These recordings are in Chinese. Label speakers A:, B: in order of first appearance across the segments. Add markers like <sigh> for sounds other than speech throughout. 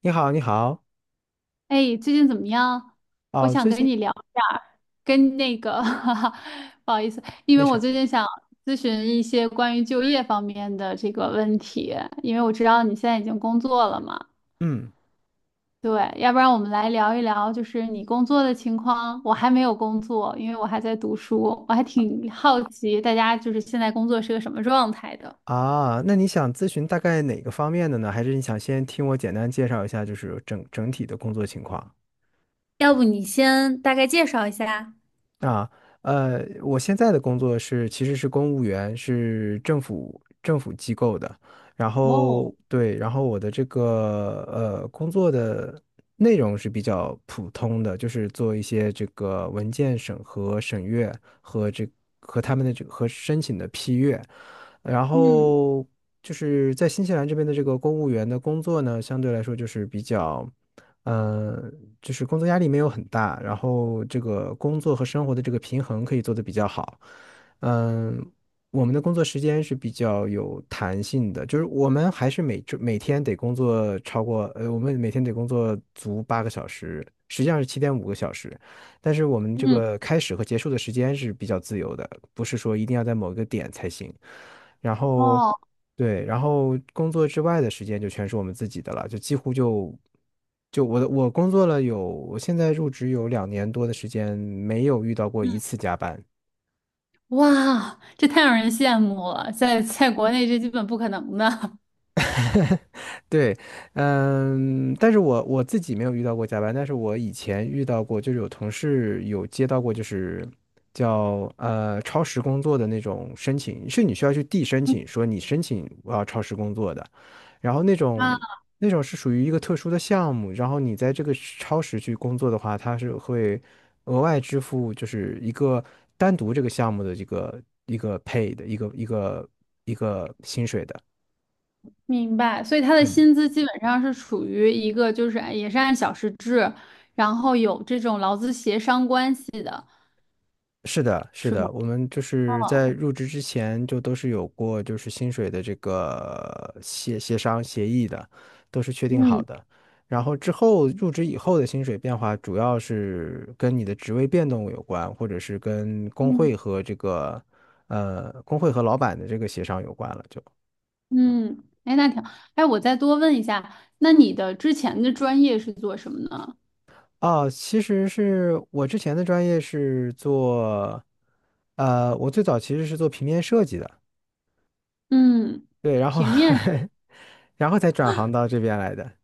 A: 你好，你好。
B: 哎，最近怎么样？我
A: 哦，
B: 想
A: 最
B: 跟
A: 近。
B: 你聊一下，跟<laughs> 哈哈，不好意思，因
A: 没
B: 为
A: 事
B: 我
A: 儿。
B: 最近想咨询一些关于就业方面的这个问题，因为我知道你现在已经工作了嘛。
A: 嗯。
B: 对，要不然我们来聊一聊，就是你工作的情况。我还没有工作，因为我还在读书，我还挺好奇大家就是现在工作是个什么状态的。
A: 啊，那你想咨询大概哪个方面的呢？还是你想先听我简单介绍一下，就是整体的工作情况？
B: 要不你先大概介绍一下？
A: 啊。我现在的工作是其实是公务员，是政府机构的。然
B: 哦。
A: 后对，然后我的这个工作的内容是比较普通的，就是做一些这个文件审核、审阅和这和他们的这和申请的批阅。然
B: 嗯
A: 后就是在新西兰这边的这个公务员的工作呢，相对来说就是比较。嗯，就是工作压力没有很大，然后这个工作和生活的这个平衡可以做得比较好。嗯，我们的工作时间是比较有弹性的，就是我们还是每天得工作超过，我们每天得工作足8个小时，实际上是7.5个小时，但是我们这
B: 嗯。
A: 个开始和结束的时间是比较自由的，不是说一定要在某一个点才行。然后，
B: 哦。
A: 对，然后工作之外的时间就全是我们自己的了，就几乎就我工作了有，我现在入职有2年多的时间，没有遇到过
B: 嗯。
A: 一次加班。
B: 哇，这太让人羡慕了，在国内这基本不可能的。
A: 对。嗯。但是我自己没有遇到过加班，但是我以前遇到过，就是有同事有接到过，就是叫超时工作的那种申请，是你需要去递申请，
B: <laughs>
A: 说你申请我要超时工作的，然后那
B: 啊！
A: 种那种是属于一个特殊的项目，然后你在这个超时去工作的话，它是会额外支付，就是一个单独这个项目的这个一个 pay 的一个。
B: 明白，所以他的
A: 嗯。
B: 薪资基本上是处于一个就是按也是按小时制，然后有这种劳资协商关系的，
A: 是的，是
B: 是吗？
A: 的，我们就是在入职之前就都是有过就是薪水的这个协商协议的，都是确定好
B: 嗯。
A: 的。然后之后入职以后的薪水变化，主要是跟你的职位变动有关，或者是跟工
B: 嗯。
A: 会和老板的这个协商有关了。
B: 嗯，嗯哎，那挺，哎，我再多问一下，那你的之前的专业是做什么呢？
A: 哦，其实是我之前的专业是做我最早其实是做平面设计的。
B: 嗯，
A: 对，然后
B: 平面。
A: <laughs> 然后才转行到这边来的。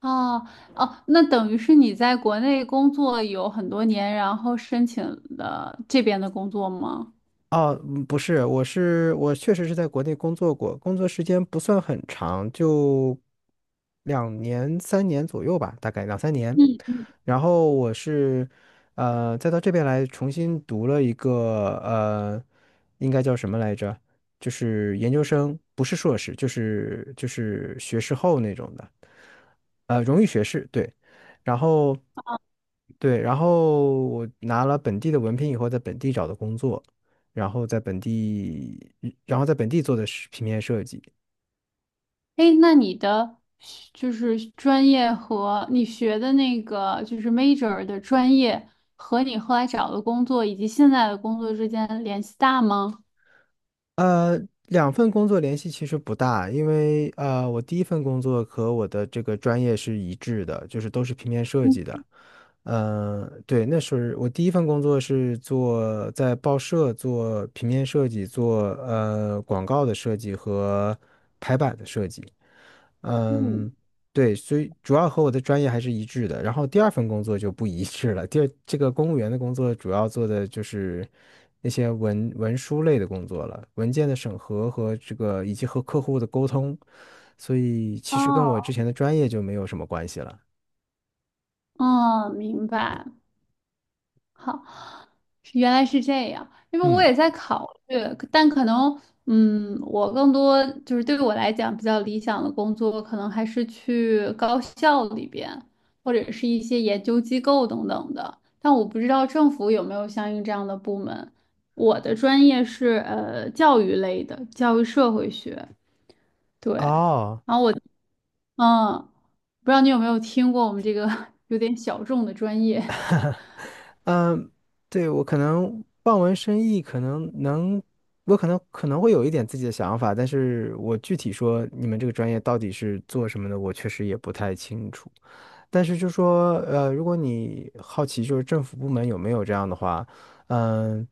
B: 哦。哦，那等于是你在国内工作有很多年，然后申请了这边的工作吗？
A: 哦，不是，我确实是在国内工作过，工作时间不算很长，就两年三年左右吧，大概两三年。
B: 嗯。
A: 然后我是再到这边来重新读了一个应该叫什么来着？就是研究生，不是硕士，就是学士后那种的。荣誉学士，对，然后对，然后我拿了本地的文凭以后，在本地找的工作，然后在本地，然后在本地做的是平面设计。
B: 哎，那你的学就是专业和你学的那个就是 major 的专业和你后来找的工作以及现在的工作之间联系大吗？
A: 呃，两份工作联系其实不大，因为我第一份工作和我的这个专业是一致的，就是都是平面设
B: 嗯。
A: 计的。嗯，对，那是我第一份工作是做在报社做平面设计，做广告的设计和排版的设计。
B: 嗯。
A: 嗯，对，所以主要和我的专业还是一致的。然后第二份工作就不一致了。第二，这个公务员的工作主要做的就是那些文书类的工作了，文件的审核和这个以及和客户的沟通，所以其
B: 哦。
A: 实跟我之前的专业就没有什么关系了。
B: 哦，明白。好，原来是这样，因为我
A: 嗯。
B: 也在考虑，但可能，嗯，我更多就是对于我来讲比较理想的工作，可能还是去高校里边，或者是一些研究机构等等的。但我不知道政府有没有相应这样的部门。我的专业是教育类的，教育社会学。对。
A: 哦。
B: 然后我，嗯，不知道你有没有听过我们这个 <laughs> 有点小众的专业。
A: 嗯。对，我可能望文生意，可能能，我可能会有一点自己的想法，但是我具体说你们这个专业到底是做什么的，我确实也不太清楚。但是就说，如果你好奇就是政府部门有没有这样的话，嗯，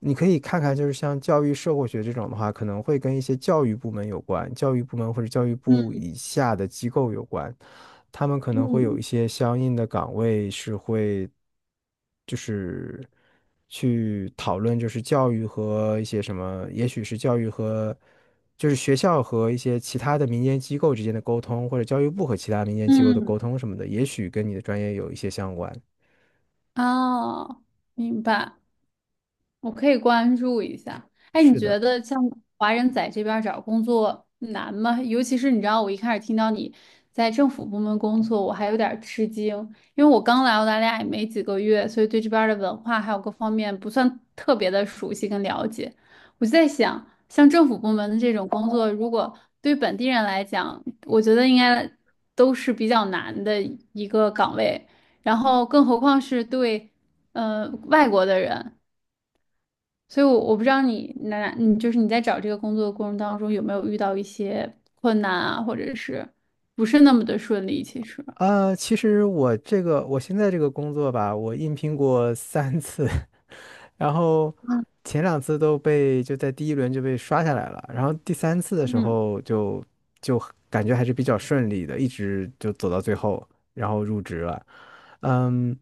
A: 你可以看看就是像教育社会学这种的话，可能会跟一些教育部门有关，教育部门或者教育部
B: 嗯。
A: 以下的机构有关。他们可能会有
B: 嗯。
A: 一些相应的岗位是会，就是去讨论，就是教育和一些什么，也许是教育和，就是学校和一些其他的民间机构之间的沟通，或者教育部和其他民间机构的
B: 嗯。
A: 沟通什么的，也许跟你的专业有一些相关。
B: 哦，明白。我可以关注一下。哎，你
A: 是的。
B: 觉得像华人在这边儿找工作难吗？尤其是你知道，我一开始听到你在政府部门工作，我还有点儿吃惊，因为我刚来澳大利亚也没几个月，所以对这边儿的文化还有各方面不算特别的熟悉跟了解。我就在想，像政府部门的这种工作，如果对本地人来讲，我觉得应该都是比较难的一个岗位，然后更何况是对外国的人。所以我，我不知道你那，你就是你在找这个工作的过程当中有没有遇到一些困难啊，或者是不是那么的顺利？其实，
A: 啊，其实我现在这个工作吧，我应聘过三次，然后前两次就在第一轮就被刷下来了，然后第三次的时
B: 嗯。
A: 候就感觉还是比较顺利的，一直就走到最后，然后入职了。嗯。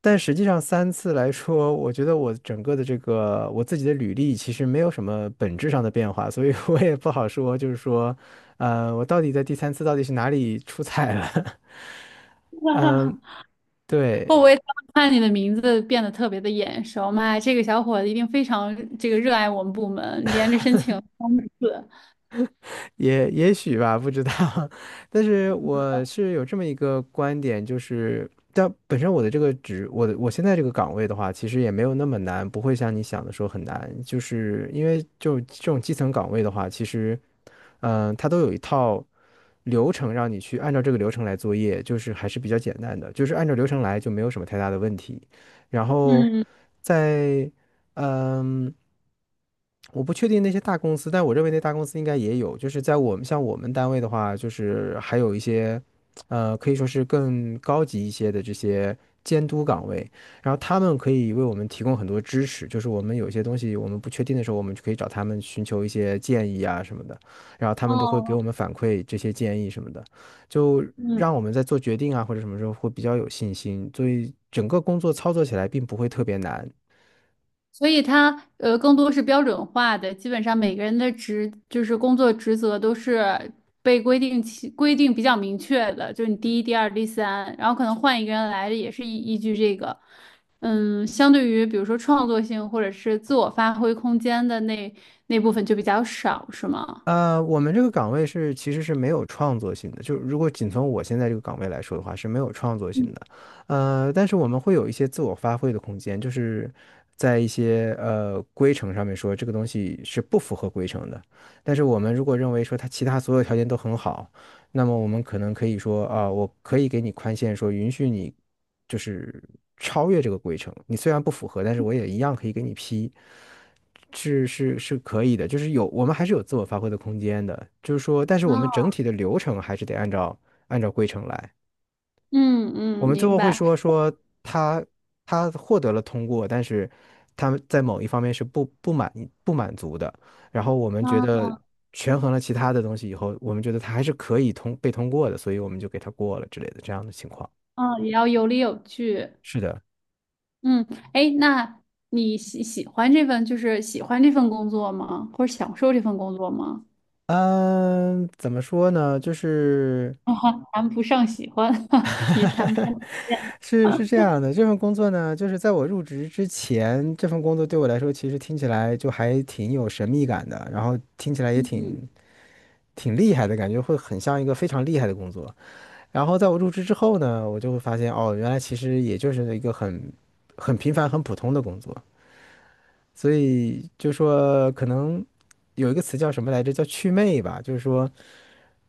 A: 但实际上三次来说，我觉得我整个的这个我自己的履历其实没有什么本质上的变化，所以我也不好说，就是说，我到底在第三次到底是哪里出彩了？<laughs>
B: <laughs>
A: 嗯，
B: 会不
A: 对。
B: 会当我看你的名字变得特别的眼熟？妈呀，这个小伙子一定非常这个热爱我们部门，连着申请三次。
A: 也许吧，不知道。<laughs> 但是我是有这么一个观点，就是，但本身我的这个职，我现在这个岗位的话，其实也没有那么难，不会像你想的说很难。就是因为就这种基层岗位的话，其实，它都有一套流程让你去按照这个流程来作业，就是还是比较简单的，就是按照流程来就没有什么太大的问题。然后在嗯。我不确定那些大公司，但我认为那大公司应该也有。就是在我们像我们单位的话，就是还有一些，可以说是更高级一些的这些监督岗位，然后他们可以为我们提供很多支持。就是我们有一些东西我们不确定的时候，我们就可以找他们寻求一些建议啊什么的，然后他们都会给
B: 哦，
A: 我们反馈这些建议什么的，就让我们在做决定啊或者什么时候会比较有信心。所以整个工作操作起来并不会特别难。
B: 所以它更多是标准化的，基本上每个人的职就是工作职责都是被规定其规定比较明确的，就是你第一、第二、第三，然后可能换一个人来也是依依据这个。嗯，相对于比如说创作性或者是自我发挥空间的那部分就比较少，是吗？
A: 我们这个岗位是其实是没有创作性的，就如果仅从我现在这个岗位来说的话是没有创作性的，但是我们会有一些自我发挥的空间，就是在一些规程上面说这个东西是不符合规程的，但是我们如果认为说它其他所有条件都很好，那么我们可能可以说啊，我可以给你宽限，说允许你就是超越这个规程，你虽然不符合，但是我也一样可以给你批。是是是可以的，就是有我们还是有自我发挥的空间的，就是说，但是我们
B: 啊，
A: 整体的流程还是得按照规程来。
B: 嗯。
A: 我
B: 嗯，
A: 们最
B: 明
A: 后会
B: 白。
A: 说说他他获得了通过，但是他在某一方面是不满足的，然后我们觉
B: 嗯。
A: 得权衡了其他的东西以后，我们觉得他还是可以被通过的，所以我们就给他过了之类的这样的情况。
B: 嗯，也要有理有据。
A: 是的。
B: 嗯，哎，那你喜喜欢这份就是喜欢这份工作吗？或者享受这份工作吗？
A: 嗯，怎么说呢？就是
B: <laughs> 啊哈，谈不上喜欢，<laughs> 也谈不
A: <laughs>
B: 上讨厌。
A: 是这样的，这份工作呢，就是在我入职之前，这份工作对我来说，其实听起来就还挺有神秘感的，然后听起来也
B: 嗯。
A: 挺厉害的感觉，会很像一个非常厉害的工作。然后在我入职之后呢，我就会发现，哦，原来其实也就是一个很平凡、很普通的工作。所以就说可能有一个词叫什么来着，叫祛魅吧，就是说。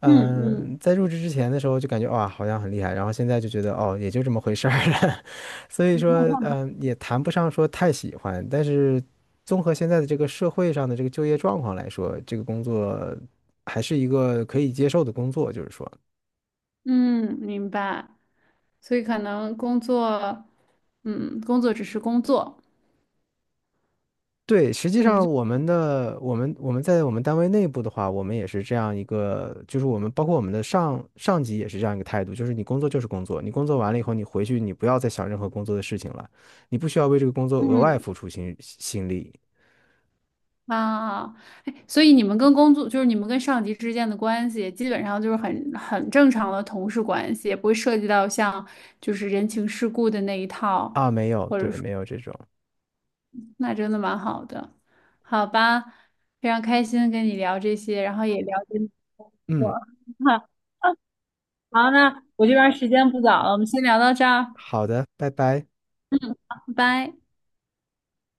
B: 嗯。嗯。
A: 在入职之前的时候就感觉哇，好像很厉害，然后现在就觉得哦，也就这么回事儿了。<laughs> 所以说，也谈不上说太喜欢，但是综合现在的这个社会上的这个就业状况来说，这个工作还是一个可以接受的工作，就是说。
B: 嗯，明白。所以可能工作，嗯，工作只是工作，
A: 对，实际
B: 我们就
A: 上我们在我们单位内部的话，我们也是这样一个，就是我们包括我们的上上级也是这样一个态度，就是你工作就是工作，你工作完了以后，你回去你不要再想任何工作的事情了，你不需要为这个工作额外
B: 嗯
A: 付出心力
B: 啊，哎，所以你们跟工作就是你们跟上级之间的关系，基本上就是很正常的同事关系，也不会涉及到像就是人情世故的那一套。
A: 啊，没有，对，没有这种，
B: 那真的蛮好的，好吧，非常开心跟你聊这些，然后也了解你我。
A: 嗯，
B: <laughs> 好，那我这边时间不早了，我们先聊到这儿，
A: 好的，拜拜。
B: 拜拜。